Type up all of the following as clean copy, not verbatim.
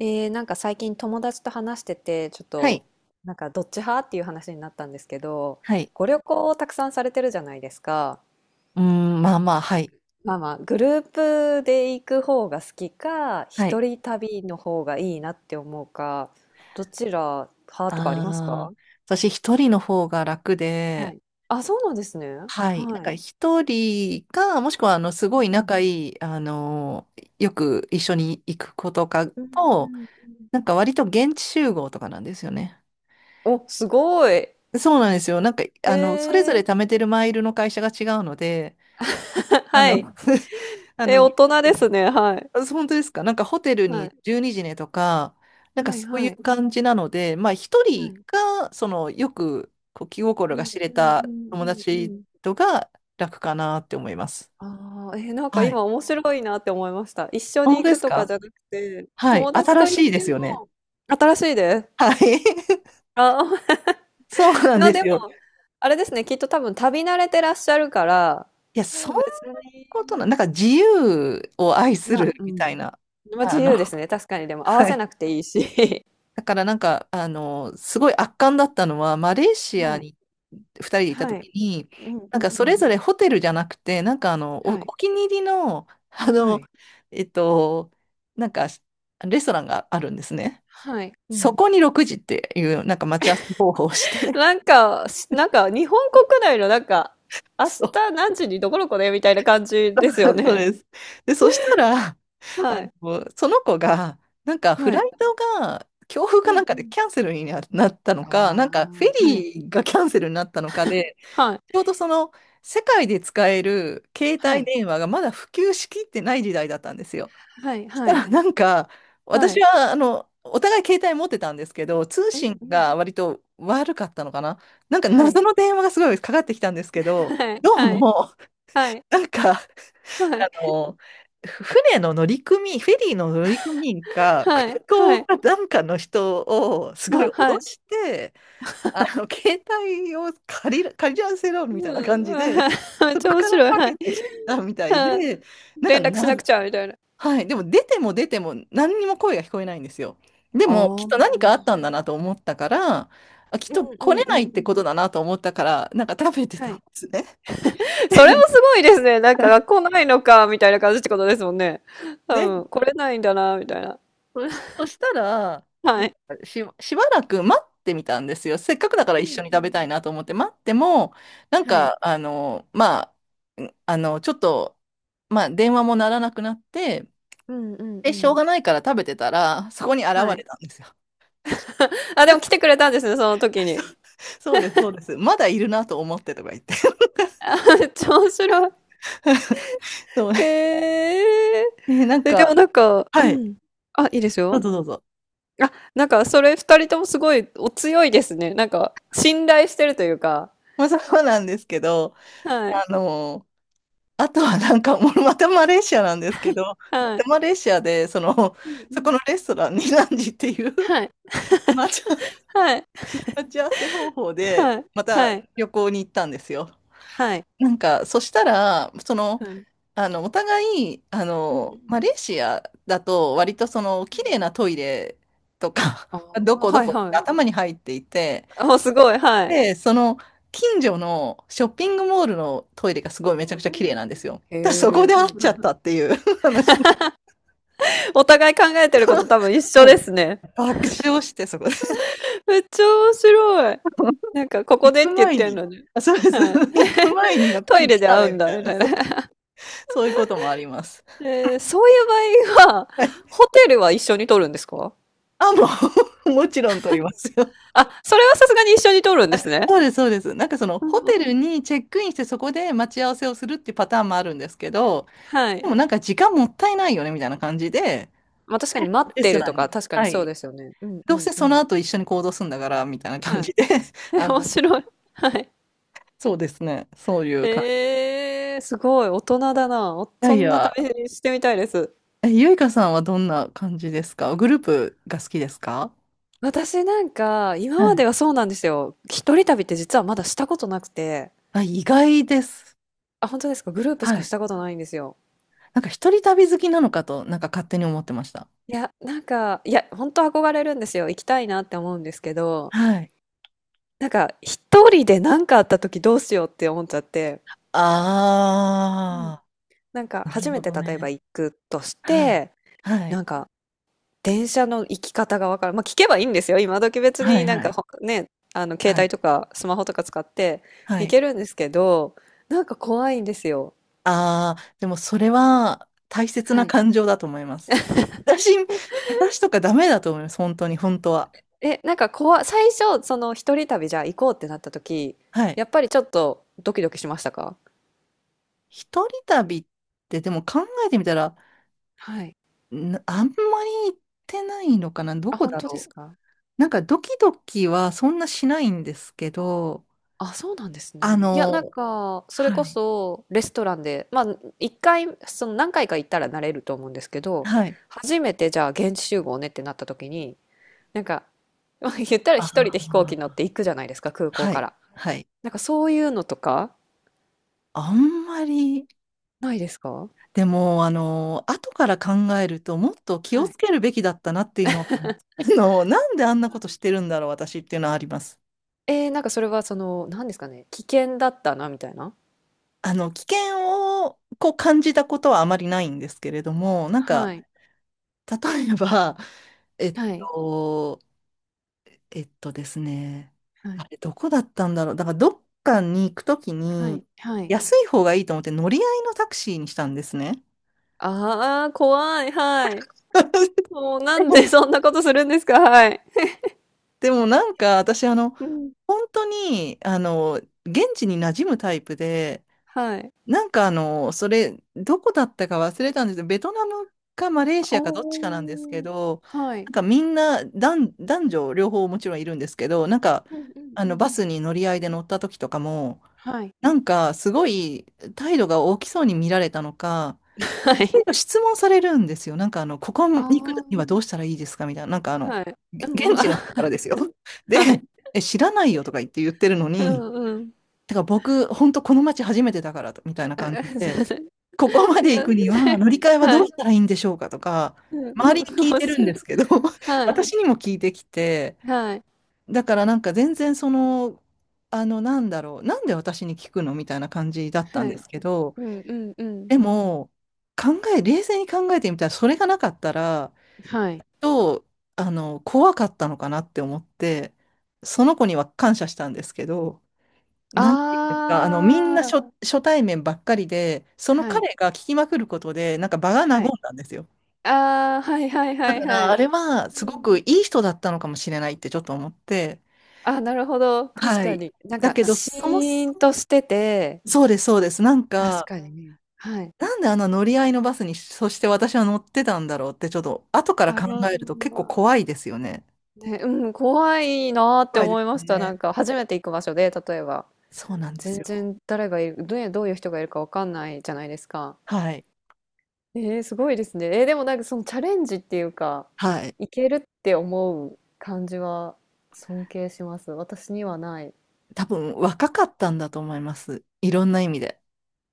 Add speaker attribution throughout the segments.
Speaker 1: なんか最近友達と話してて、ちょっ
Speaker 2: は
Speaker 1: と、
Speaker 2: い。
Speaker 1: なんかどっち派っていう話になったんですけど、
Speaker 2: はい。
Speaker 1: ご旅行をたくさんされてるじゃないですか。
Speaker 2: まあまあ、はい。
Speaker 1: まあまあ、グループで行く方が好きか、
Speaker 2: はい。
Speaker 1: 一人旅の方がいいなって思うか、どちら派とかありますか？
Speaker 2: ああ、私一人の方が楽
Speaker 1: は
Speaker 2: で、
Speaker 1: い。あ、そうなんですね。
Speaker 2: はい。なん
Speaker 1: は
Speaker 2: か
Speaker 1: い。
Speaker 2: 一人か、もしくは、すごい
Speaker 1: うん
Speaker 2: 仲いい、よく一緒に行く子とか
Speaker 1: うんう
Speaker 2: と、
Speaker 1: んうん。
Speaker 2: なんか割と現地集合とかなんですよね。
Speaker 1: お、すごい。へ
Speaker 2: そうなんですよ。それぞれ
Speaker 1: え。
Speaker 2: 貯めてるマイルの会社が違うので、あ
Speaker 1: はい。
Speaker 2: の、あ
Speaker 1: え、
Speaker 2: の、
Speaker 1: 大人ですね。はい。
Speaker 2: あ、本当ですか？なんかホテル
Speaker 1: は
Speaker 2: に
Speaker 1: い。
Speaker 2: 12時ねとか、なんか
Speaker 1: はい
Speaker 2: そうい
Speaker 1: はい。
Speaker 2: う感じなので、まあ一
Speaker 1: は
Speaker 2: 人
Speaker 1: い。
Speaker 2: が、そのよくこう気心
Speaker 1: う
Speaker 2: が
Speaker 1: ん
Speaker 2: 知れ
Speaker 1: うんう
Speaker 2: た
Speaker 1: ん
Speaker 2: 友
Speaker 1: うんう
Speaker 2: 達
Speaker 1: ん。
Speaker 2: とが楽かなって思います。
Speaker 1: ああ、え、なんか
Speaker 2: はい。
Speaker 1: 今面白いなって思いました。一緒
Speaker 2: 本
Speaker 1: に
Speaker 2: 当
Speaker 1: 行
Speaker 2: で
Speaker 1: く
Speaker 2: す
Speaker 1: とか
Speaker 2: か？
Speaker 1: じゃなくて、
Speaker 2: はい。
Speaker 1: 友達
Speaker 2: 新
Speaker 1: と
Speaker 2: し
Speaker 1: 行っ
Speaker 2: いで
Speaker 1: て
Speaker 2: すよね。
Speaker 1: も、新しいで す。
Speaker 2: はい。
Speaker 1: ま
Speaker 2: そうな
Speaker 1: あ、
Speaker 2: んで
Speaker 1: で
Speaker 2: すよ。
Speaker 1: も、あれですね、きっと多分旅慣れてらっしゃるから、
Speaker 2: いや、そんな
Speaker 1: 別
Speaker 2: こと
Speaker 1: に、
Speaker 2: な、なんか自由を愛す
Speaker 1: ま
Speaker 2: る
Speaker 1: あ、う
Speaker 2: みた
Speaker 1: ん。
Speaker 2: いな、
Speaker 1: まあ自
Speaker 2: あの、
Speaker 1: 由ですね、確かに。でも合わ
Speaker 2: は
Speaker 1: せ
Speaker 2: い。
Speaker 1: なくていいし。
Speaker 2: だからすごい圧巻だったのは、マレー シア
Speaker 1: はい。
Speaker 2: に2人 でいた
Speaker 1: は
Speaker 2: 時
Speaker 1: い。
Speaker 2: に、
Speaker 1: うん
Speaker 2: な
Speaker 1: う
Speaker 2: んか
Speaker 1: んう
Speaker 2: それ
Speaker 1: ん。
Speaker 2: ぞれホテルじゃなくて、お、
Speaker 1: はい。
Speaker 2: お気に入りの、
Speaker 1: はい。
Speaker 2: えっと、なんかレストランがあるんですね。
Speaker 1: はい。う
Speaker 2: そ
Speaker 1: ん。
Speaker 2: こに6時っていう、なんか待ち合わせ方法をして、
Speaker 1: なんか、なんか日本国内のなんか、明日
Speaker 2: そう、
Speaker 1: 何時にどこどこねみたいな感じですよ
Speaker 2: そう
Speaker 1: ね。
Speaker 2: です。で、そしたら、
Speaker 1: はい。
Speaker 2: その子が、なんかフ
Speaker 1: は
Speaker 2: ラ
Speaker 1: い。
Speaker 2: イトが、強風
Speaker 1: う
Speaker 2: かなん
Speaker 1: んう
Speaker 2: かで
Speaker 1: ん。
Speaker 2: キャンセルにななったのか、
Speaker 1: あ
Speaker 2: なんかフェ
Speaker 1: あ、はい。
Speaker 2: リーがキャンセルになったのかで、
Speaker 1: はい。
Speaker 2: ちょうどその世界で使える携
Speaker 1: は
Speaker 2: 帯
Speaker 1: い。
Speaker 2: 電話がまだ普及しきってない時代だったんですよ。
Speaker 1: はい
Speaker 2: し
Speaker 1: は
Speaker 2: た
Speaker 1: い。
Speaker 2: らなんか
Speaker 1: は
Speaker 2: 私
Speaker 1: い。
Speaker 2: はあのお互い携帯持ってたんですけど、通
Speaker 1: うん
Speaker 2: 信
Speaker 1: うん。
Speaker 2: が割と悪かったのかな。なんか
Speaker 1: はい。
Speaker 2: 謎の電話がすごいかかってきたんですけど、
Speaker 1: はい
Speaker 2: どう
Speaker 1: はい
Speaker 2: も
Speaker 1: はい
Speaker 2: なんかあ
Speaker 1: はい
Speaker 2: の船のフェリーの乗組員か
Speaker 1: は
Speaker 2: 空
Speaker 1: いは
Speaker 2: 港
Speaker 1: い。
Speaker 2: かなんかの人をすごい脅
Speaker 1: はい。
Speaker 2: して、あの携帯を借りらせろみたいな
Speaker 1: う
Speaker 2: 感
Speaker 1: ん、
Speaker 2: じ
Speaker 1: あ
Speaker 2: で、
Speaker 1: あ、めっ
Speaker 2: そ
Speaker 1: ち
Speaker 2: こ
Speaker 1: ゃ面
Speaker 2: から
Speaker 1: 白い。
Speaker 2: か
Speaker 1: は
Speaker 2: け
Speaker 1: い。
Speaker 2: てきたみたい
Speaker 1: はい。
Speaker 2: で、なんか
Speaker 1: 連絡しなく
Speaker 2: な、
Speaker 1: ちゃみたいな。
Speaker 2: はい、でも出ても出ても何にも声が聞こえないんですよ。で
Speaker 1: あ
Speaker 2: もき
Speaker 1: あ。
Speaker 2: っ
Speaker 1: う
Speaker 2: と何か
Speaker 1: ん
Speaker 2: あったんだなと思ったから、あ、きっ
Speaker 1: う
Speaker 2: と来
Speaker 1: んう
Speaker 2: れ
Speaker 1: ん
Speaker 2: ないっ
Speaker 1: う
Speaker 2: て
Speaker 1: ん。
Speaker 2: ことだなと思ったから、なんか食べて
Speaker 1: は
Speaker 2: たん
Speaker 1: い。
Speaker 2: ですね。
Speaker 1: それも すごいですね。なんか学校ないのか、みたいな感じってことですもんね。多
Speaker 2: で、
Speaker 1: 分、来れないんだな、みたいな。
Speaker 2: そしたら、な
Speaker 1: はい。
Speaker 2: しばらく待ってみたんですよ。せっかくだから
Speaker 1: う
Speaker 2: 一
Speaker 1: ん
Speaker 2: 緒に
Speaker 1: う
Speaker 2: 食べ
Speaker 1: ん。
Speaker 2: たいなと思って待っても、なん
Speaker 1: はい。
Speaker 2: か、あの、まあ、んあの、ちょっと、まあ、電話も鳴らなくなって、
Speaker 1: うんうんう
Speaker 2: で、しょう
Speaker 1: ん。
Speaker 2: がないから食べてたら、そこに現
Speaker 1: はい。
Speaker 2: れたんですよ。
Speaker 1: あ、でも来てくれたんですね、その時に。
Speaker 2: そうです、そうです。まだいるなと思ってとか言って。
Speaker 1: めっちゃ面白い。
Speaker 2: そう。
Speaker 1: へえ。
Speaker 2: え、なん
Speaker 1: え、で
Speaker 2: か、
Speaker 1: もなんかう
Speaker 2: はい。
Speaker 1: ん。あ、いいです
Speaker 2: どう
Speaker 1: よ。
Speaker 2: ぞどうぞ。
Speaker 1: あ、なんかそれ二人ともすごいお強いですね。なんか、信頼してるというか。
Speaker 2: まあ、そうなんですけど、
Speaker 1: はい。
Speaker 2: あの、あとはもうまたマレーシアなんですけど、ま
Speaker 1: は
Speaker 2: た
Speaker 1: い。
Speaker 2: マレーシアで、その、
Speaker 1: うんう
Speaker 2: そこ
Speaker 1: ん。
Speaker 2: のレストランにランジっていう
Speaker 1: はい。
Speaker 2: 待ち合わ
Speaker 1: はい。
Speaker 2: 待ち合わせ方法で、
Speaker 1: はい。
Speaker 2: また
Speaker 1: はい。
Speaker 2: 旅行に行ったんですよ。
Speaker 1: はい。
Speaker 2: なんか、そしたら、その、
Speaker 1: はい。
Speaker 2: あの、お互い、あ
Speaker 1: うんう
Speaker 2: の、
Speaker 1: ん。
Speaker 2: マレーシアだと、割とその、
Speaker 1: は
Speaker 2: 綺
Speaker 1: い。
Speaker 2: 麗なトイレとか、
Speaker 1: ああ、
Speaker 2: どこど
Speaker 1: はい
Speaker 2: こっ
Speaker 1: は
Speaker 2: て
Speaker 1: い。
Speaker 2: 頭に入っていて、
Speaker 1: あすごい、はい。
Speaker 2: で、その、近所のショッピングモールのトイレがすごいめちゃくちゃ
Speaker 1: う
Speaker 2: 綺麗
Speaker 1: んう
Speaker 2: な
Speaker 1: ん。
Speaker 2: んですよ。だからそ
Speaker 1: へ
Speaker 2: こ
Speaker 1: え、
Speaker 2: で会
Speaker 1: は
Speaker 2: っ
Speaker 1: い
Speaker 2: ちゃ
Speaker 1: は
Speaker 2: っ
Speaker 1: い。
Speaker 2: たっていう 話。
Speaker 1: お互い考えてること多分一緒
Speaker 2: も
Speaker 1: ですね。
Speaker 2: う爆笑して、そこで。
Speaker 1: めっちゃ面白い。なんかここ
Speaker 2: 行
Speaker 1: でっ
Speaker 2: く
Speaker 1: て言っ
Speaker 2: 前
Speaker 1: てる
Speaker 2: に、
Speaker 1: のに。
Speaker 2: あ、そうです。
Speaker 1: はい。
Speaker 2: 行く前にやっぱ
Speaker 1: トイ
Speaker 2: り
Speaker 1: レ
Speaker 2: 来
Speaker 1: で
Speaker 2: た
Speaker 1: 会う
Speaker 2: ね、み
Speaker 1: んだ
Speaker 2: た
Speaker 1: み
Speaker 2: いな。
Speaker 1: たいな。
Speaker 2: そう、そういうこともあります。
Speaker 1: そういう場合は、
Speaker 2: はい、
Speaker 1: ホテルは一緒に取るんですか？
Speaker 2: あ、もう、もちろん取りますよ。
Speaker 1: あ、それはさすがに一緒に取るんで
Speaker 2: あ、
Speaker 1: すね。
Speaker 2: そうです、そうです。なんかその
Speaker 1: うん
Speaker 2: ホテ
Speaker 1: う
Speaker 2: ル
Speaker 1: ん。
Speaker 2: にチェックインしてそこで待ち合わせをするっていうパターンもあるんですけど、
Speaker 1: は
Speaker 2: で
Speaker 1: い。
Speaker 2: もなんか時間もったいないよねみたいな感じで、
Speaker 1: ま、確かに待っ
Speaker 2: レス
Speaker 1: て
Speaker 2: ト
Speaker 1: る
Speaker 2: ラ
Speaker 1: と
Speaker 2: ン
Speaker 1: か、
Speaker 2: に、
Speaker 1: 確か
Speaker 2: は
Speaker 1: にそう
Speaker 2: い、
Speaker 1: ですよね。うんう
Speaker 2: どう
Speaker 1: ん
Speaker 2: せ
Speaker 1: う
Speaker 2: その
Speaker 1: ん。
Speaker 2: 後一緒に行動するんだからみたいな
Speaker 1: は
Speaker 2: 感じ
Speaker 1: い。
Speaker 2: で、
Speaker 1: え、
Speaker 2: あ
Speaker 1: 面
Speaker 2: の、
Speaker 1: 白い。はい。
Speaker 2: そうですね、そういう感じ。
Speaker 1: ええすごい、大人だな。
Speaker 2: いや
Speaker 1: そ
Speaker 2: い
Speaker 1: んな
Speaker 2: や、
Speaker 1: 旅してみたいです。
Speaker 2: え、ゆいかさんはどんな感じですか？グループが好きですか？
Speaker 1: 私なんか、今
Speaker 2: は
Speaker 1: ま
Speaker 2: い。
Speaker 1: ではそうなんですよ。一人旅って実はまだしたことなくて。
Speaker 2: あ、意外です。
Speaker 1: あ、本当ですか？グループし
Speaker 2: は
Speaker 1: かし
Speaker 2: い。
Speaker 1: たことないんですよ。
Speaker 2: なんか一人旅好きなのかと、なんか勝手に思ってました。
Speaker 1: いや、なんか、いや、本当憧れるんですよ。行きたいなって思うんですけど、
Speaker 2: はい。
Speaker 1: なんか、一人で何かあった時どうしようって思っちゃって、うん。
Speaker 2: あ
Speaker 1: なんか、
Speaker 2: ー、なる
Speaker 1: 初
Speaker 2: ほ
Speaker 1: め
Speaker 2: ど。
Speaker 1: て
Speaker 2: ど
Speaker 1: 例えば
Speaker 2: ね。
Speaker 1: 行くとし
Speaker 2: はい。
Speaker 1: て、
Speaker 2: はい。
Speaker 1: なんか、電車の行き方がわからん。まあ、聞けばいいんですよ。今時別
Speaker 2: は
Speaker 1: に
Speaker 2: い、
Speaker 1: なん
Speaker 2: は
Speaker 1: か
Speaker 2: い。
Speaker 1: 携
Speaker 2: は
Speaker 1: 帯
Speaker 2: い。
Speaker 1: とかスマホとか使って
Speaker 2: は
Speaker 1: 行
Speaker 2: い。
Speaker 1: けるんですけど、なんか怖いんですよ。
Speaker 2: あー、でもそれは大切
Speaker 1: は
Speaker 2: な
Speaker 1: い。
Speaker 2: 感情だと思います。私、私とかダメだと思います。本当に、本当は。
Speaker 1: え、なんか怖い、最初、その一人旅じゃあ行こうってなった時、
Speaker 2: はい。
Speaker 1: やっぱりちょっとドキドキしましたか？
Speaker 2: 一人旅って、でも考えてみたら、
Speaker 1: はい。
Speaker 2: なあんまり行ってないのかな、ど
Speaker 1: あ、
Speaker 2: こ
Speaker 1: 本
Speaker 2: だ
Speaker 1: 当です
Speaker 2: ろう。
Speaker 1: か？
Speaker 2: なんかドキドキはそんなしないんですけど、
Speaker 1: あ、そうなんです
Speaker 2: あ
Speaker 1: ね。いや、なん
Speaker 2: の、
Speaker 1: か、それ
Speaker 2: は
Speaker 1: こ
Speaker 2: い、
Speaker 1: そ、レストランで、まあ、一回、その何回か行ったら慣れると思うんですけど、
Speaker 2: はい、
Speaker 1: 初めてじゃあ現地集合ねってなった時に、なんか、まあ言ったら
Speaker 2: あ
Speaker 1: 一人で飛行機乗って
Speaker 2: ー
Speaker 1: 行くじゃないですか、空港
Speaker 2: は
Speaker 1: か
Speaker 2: い、
Speaker 1: ら。
Speaker 2: はい。
Speaker 1: なんかそういうのとか、
Speaker 2: あんまり、
Speaker 1: ないですか？
Speaker 2: でも、後から考えると、もっと気
Speaker 1: は
Speaker 2: をつ
Speaker 1: い。
Speaker 2: けるべきだったなっていうのは、なんであんなことしてるんだろう、私っていうのはあります。
Speaker 1: なんかそれはその、何ですかね、危険だったな、みたいな。
Speaker 2: 危険をこう感じたことはあまりないんですけれども、なんか、
Speaker 1: はい。
Speaker 2: 例えば、えっ
Speaker 1: はい。
Speaker 2: と、えっとですね、
Speaker 1: は
Speaker 2: あ
Speaker 1: い。
Speaker 2: れどこだったんだろう。だからどっかに行くとき
Speaker 1: は
Speaker 2: に
Speaker 1: い。はい。
Speaker 2: 安い方がいいと思って乗り合いのタクシーにしたんですね。
Speaker 1: ああ、怖い。はい。もうな
Speaker 2: で
Speaker 1: んで
Speaker 2: も
Speaker 1: そんなことするんですか？はい。
Speaker 2: でもなんか私、
Speaker 1: うん。
Speaker 2: 本当に、現地に馴染むタイプで、
Speaker 1: はい。
Speaker 2: それどこだったか忘れたんですけど、ベトナムかマレーシアかどっちかなんですけ
Speaker 1: おお
Speaker 2: ど、
Speaker 1: は
Speaker 2: な
Speaker 1: い。
Speaker 2: んかみんな男女両方もちろんいるんですけど、なんか
Speaker 1: うんうん
Speaker 2: あ
Speaker 1: う
Speaker 2: の
Speaker 1: ん。
Speaker 2: バスに乗り合いで乗った時とかも、
Speaker 1: はい。
Speaker 2: すごい態度が大きそうに見られたのか、
Speaker 1: は
Speaker 2: いろい
Speaker 1: い。
Speaker 2: ろ質問されるんですよ。ここに
Speaker 1: あ
Speaker 2: 行くにはどうしたらいいですかみたいな。
Speaker 1: あ、はい。
Speaker 2: げ
Speaker 1: うん、
Speaker 2: 現
Speaker 1: あ、
Speaker 2: 地の人からですよ。で、
Speaker 1: はい。
Speaker 2: え、知らないよとか言ってるの
Speaker 1: う
Speaker 2: に、
Speaker 1: んうん。
Speaker 2: てか僕、本当この街初めてだからと、みた
Speaker 1: い
Speaker 2: い
Speaker 1: や、
Speaker 2: な感じで、ここまで行くには乗り換 えは
Speaker 1: は
Speaker 2: どう
Speaker 1: い。
Speaker 2: したらいいんでしょうかとか、
Speaker 1: うんう
Speaker 2: 周
Speaker 1: ん、
Speaker 2: りに 聞い
Speaker 1: 面
Speaker 2: てるん
Speaker 1: 白
Speaker 2: で
Speaker 1: い。
Speaker 2: すけど、
Speaker 1: はい。
Speaker 2: 私にも聞いてきて、
Speaker 1: はい。
Speaker 2: だから全然その、なんで私に聞くのみたいな感じだったん
Speaker 1: は
Speaker 2: で
Speaker 1: い。
Speaker 2: すけど、
Speaker 1: うんうんうん。
Speaker 2: でも、冷静に考えてみたら、それがなかったら、
Speaker 1: はい。
Speaker 2: と、あの、怖かったのかなって思って、その子には感謝したんですけど、なんていうんですか、みん
Speaker 1: あ
Speaker 2: な
Speaker 1: あ、
Speaker 2: 初対面ばっかりで、その
Speaker 1: はい。
Speaker 2: 彼が聞きまくることで、なんか場が和ん
Speaker 1: はい。
Speaker 2: だんですよ。
Speaker 1: ああ、はいはいは
Speaker 2: だか
Speaker 1: いは
Speaker 2: ら、あ
Speaker 1: い。
Speaker 2: れは、
Speaker 1: う
Speaker 2: すご
Speaker 1: ん。
Speaker 2: くいい人だったのかもしれないってちょっと思って、
Speaker 1: あ、なるほど、確
Speaker 2: は
Speaker 1: か
Speaker 2: い。
Speaker 1: に。なん
Speaker 2: だ
Speaker 1: か
Speaker 2: けど、
Speaker 1: シーンとしてて、
Speaker 2: そうです、そうです。なん
Speaker 1: 確
Speaker 2: か、
Speaker 1: かにね。はい。
Speaker 2: なんであの乗り合いのバスにそして私は乗ってたんだろうって、ちょっと後から
Speaker 1: あ
Speaker 2: 考
Speaker 1: の
Speaker 2: えると結構怖いですよね。
Speaker 1: ね、うん、怖いなーって
Speaker 2: 怖いで
Speaker 1: 思
Speaker 2: す
Speaker 1: いま
Speaker 2: よ
Speaker 1: した。な
Speaker 2: ね。
Speaker 1: んか初めて行く場所で、例えば、
Speaker 2: そうなんで
Speaker 1: 全
Speaker 2: すよ。
Speaker 1: 然誰がいる、どういう人がいるかわかんないじゃないですか。
Speaker 2: はい。
Speaker 1: ええ、すごいですね。でもなんかそのチャレンジっていうか、
Speaker 2: はい。
Speaker 1: いけるって思う感じは尊敬します。私にはない。
Speaker 2: 多分若かったんだと思います。いろんな意味で。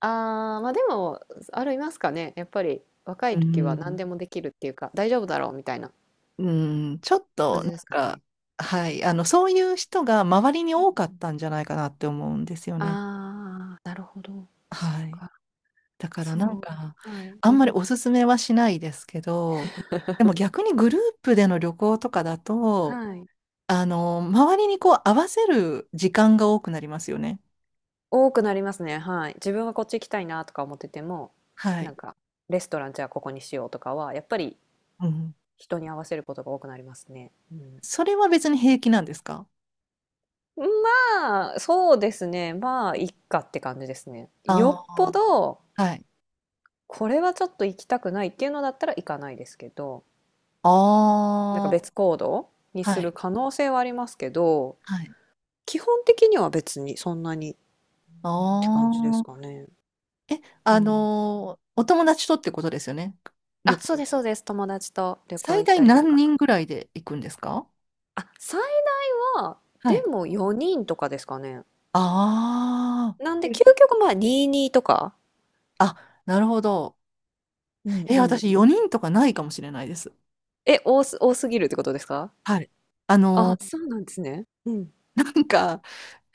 Speaker 1: まあでも、ありますかね。やっぱり若
Speaker 2: う
Speaker 1: い時は何
Speaker 2: ん。
Speaker 1: でもできるっていうか、大丈夫だろうみたいな
Speaker 2: うん。ちょっと、
Speaker 1: 感
Speaker 2: な
Speaker 1: じです
Speaker 2: ん
Speaker 1: か
Speaker 2: か、
Speaker 1: ね。
Speaker 2: はい。そういう人が周りに
Speaker 1: うん
Speaker 2: 多か
Speaker 1: う
Speaker 2: っ
Speaker 1: ん。
Speaker 2: たんじゃないかなって思うんですよね。
Speaker 1: なるほど。そっ
Speaker 2: はい。
Speaker 1: か。
Speaker 2: だからなん
Speaker 1: そう。
Speaker 2: か、
Speaker 1: はい。
Speaker 2: あ
Speaker 1: う
Speaker 2: んま
Speaker 1: ん。
Speaker 2: りおすすめはしないですけど、でも逆にグループでの旅行とかだと、
Speaker 1: はい。
Speaker 2: 周りにこう合わせる時間が多くなりますよね。
Speaker 1: 多くなりますね。はい。自分はこっち行きたいなとか思ってても、
Speaker 2: は
Speaker 1: な
Speaker 2: い。
Speaker 1: んか、レストランじゃあここにしようとかは、やっぱり
Speaker 2: うん。
Speaker 1: 人に合わせることが多くなりますね。うん、
Speaker 2: それは別に平気なんですか？
Speaker 1: まあ、そうですね。まあ、いっかって感じですね。よ
Speaker 2: あ
Speaker 1: っぽ
Speaker 2: あ
Speaker 1: ど、
Speaker 2: ー、はい。
Speaker 1: これはちょっと行きたくないっていうのだったら行かないですけど、なんか
Speaker 2: ああ、
Speaker 1: 別行動にす
Speaker 2: はい。
Speaker 1: る可能性はありますけど、
Speaker 2: はい。
Speaker 1: 基本的には別にそんなにって感じで
Speaker 2: あ
Speaker 1: すか
Speaker 2: あ。
Speaker 1: ね。
Speaker 2: え、
Speaker 1: う
Speaker 2: あ
Speaker 1: ん。
Speaker 2: のー、お友達とってことですよね。
Speaker 1: あ、
Speaker 2: 旅
Speaker 1: そうです、
Speaker 2: 行。
Speaker 1: そうです。友達と旅行
Speaker 2: 最
Speaker 1: 行っ
Speaker 2: 大
Speaker 1: たりと
Speaker 2: 何
Speaker 1: か。
Speaker 2: 人ぐらいで行くんですか？
Speaker 1: あ、最大は、
Speaker 2: はい。
Speaker 1: でも4人とかですかね。
Speaker 2: ああ。
Speaker 1: なんで、究極まあ22とか。
Speaker 2: あ、なるほど。
Speaker 1: うん
Speaker 2: え、
Speaker 1: うん。
Speaker 2: 私4人とかないかもしれないです。
Speaker 1: え、多すぎるってことですか？
Speaker 2: はい。あ
Speaker 1: あ、
Speaker 2: の、
Speaker 1: そうなんですね。うん。
Speaker 2: なんか、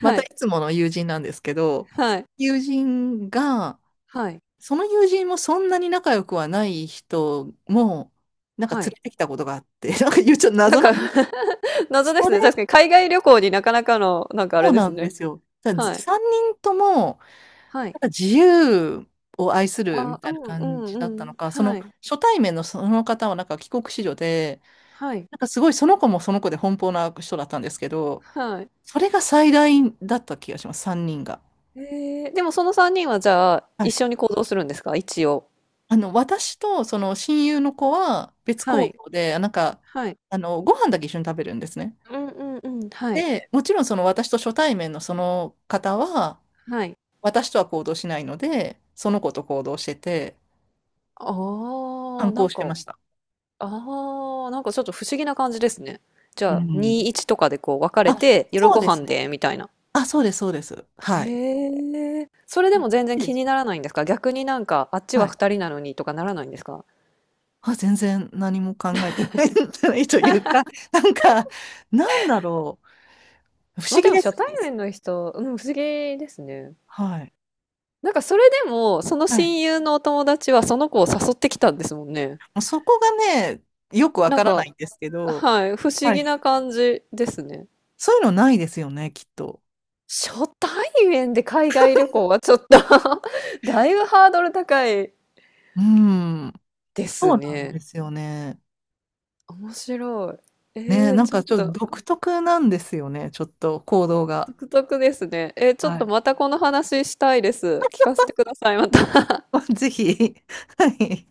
Speaker 2: また
Speaker 1: い、
Speaker 2: いつもの友人なんですけど、
Speaker 1: はい、
Speaker 2: 友人が、
Speaker 1: はい、
Speaker 2: その友人もそんなに仲良くはない人も、なんか
Speaker 1: は
Speaker 2: 連
Speaker 1: い。
Speaker 2: れてきたことがあって、なんか言うちょっと
Speaker 1: な
Speaker 2: 謎
Speaker 1: ん
Speaker 2: な
Speaker 1: か
Speaker 2: んで
Speaker 1: 謎
Speaker 2: す。
Speaker 1: で
Speaker 2: そ
Speaker 1: す
Speaker 2: れ
Speaker 1: ね。確かに海外旅行になかなかの、なんかあ
Speaker 2: も
Speaker 1: れで
Speaker 2: な
Speaker 1: す
Speaker 2: んで
Speaker 1: ね。
Speaker 2: すよ。だからず
Speaker 1: はい、
Speaker 2: 3人とも、
Speaker 1: はい。
Speaker 2: なんか自由を愛するみ
Speaker 1: あ、う
Speaker 2: たいな
Speaker 1: んう
Speaker 2: 感
Speaker 1: ん
Speaker 2: じだった
Speaker 1: う
Speaker 2: の
Speaker 1: ん。
Speaker 2: か、その
Speaker 1: はい、
Speaker 2: 初対面のその方はなんか帰国子女で、
Speaker 1: はい、
Speaker 2: なんかすごいその子もその子で奔放な人だったんですけど、
Speaker 1: はい。
Speaker 2: それが最大だった気がします、3人が。
Speaker 1: でもその3人はじゃあ、
Speaker 2: は
Speaker 1: 一
Speaker 2: い。
Speaker 1: 緒に行動するんですか？一応。
Speaker 2: 私とその親友の子は別
Speaker 1: は
Speaker 2: 行
Speaker 1: い、
Speaker 2: 動で、
Speaker 1: はい。
Speaker 2: ご飯だけ一緒に食べるんですね。
Speaker 1: うんうんうん、はい、
Speaker 2: で、もちろんその私と初対面のその方は、
Speaker 1: はい。
Speaker 2: 私とは行動しないので、その子と行動してて、
Speaker 1: ああ、
Speaker 2: 反
Speaker 1: な
Speaker 2: 抗
Speaker 1: ん
Speaker 2: してま
Speaker 1: か
Speaker 2: した。
Speaker 1: ああ、なんかちょっと不思議な感じですね。じ
Speaker 2: う
Speaker 1: ゃあ、2、
Speaker 2: ん。
Speaker 1: 1とかでこう分かれ
Speaker 2: あ、
Speaker 1: て、夜
Speaker 2: そう
Speaker 1: ご
Speaker 2: です
Speaker 1: 飯
Speaker 2: ね。
Speaker 1: で、みたいな。
Speaker 2: あ、そうです、そうです。はい。
Speaker 1: へえ。それ
Speaker 2: う
Speaker 1: で
Speaker 2: ん、い
Speaker 1: も全然
Speaker 2: いで
Speaker 1: 気
Speaker 2: す。
Speaker 1: にならないんですか？逆になんか、あっちは
Speaker 2: はい。
Speaker 1: 2人なのにとかならないんですか？
Speaker 2: あ、全然何も考えてないんじゃないというか、なんか、なんだろ不
Speaker 1: まあ
Speaker 2: 思
Speaker 1: で
Speaker 2: 議
Speaker 1: も
Speaker 2: で
Speaker 1: 初対
Speaker 2: す。
Speaker 1: 面の人、うん、不思議ですね。
Speaker 2: はい。
Speaker 1: なんかそれでも、その
Speaker 2: はい。
Speaker 1: 親
Speaker 2: も
Speaker 1: 友のお友達はその子を誘ってきたんですもんね。
Speaker 2: うそこがね、よくわ
Speaker 1: なん
Speaker 2: からな
Speaker 1: か、
Speaker 2: いんですけど、
Speaker 1: はい、不思
Speaker 2: はい。
Speaker 1: 議な感じですね。
Speaker 2: そういうのないですよね、きっと。
Speaker 1: 初対面で海外旅行はちょっと だいぶハードル高い
Speaker 2: うん。
Speaker 1: で
Speaker 2: そ
Speaker 1: す
Speaker 2: うなんで
Speaker 1: ね。
Speaker 2: すよね。
Speaker 1: 面白い。
Speaker 2: ね、なん
Speaker 1: ちょっ
Speaker 2: かちょっと
Speaker 1: と
Speaker 2: 独特なんですよね、ちょっと行動が。
Speaker 1: 独特ですね。ちょっ
Speaker 2: は
Speaker 1: と
Speaker 2: い。
Speaker 1: またこの話したいです。聞かせてください。また
Speaker 2: ぜひ、はい。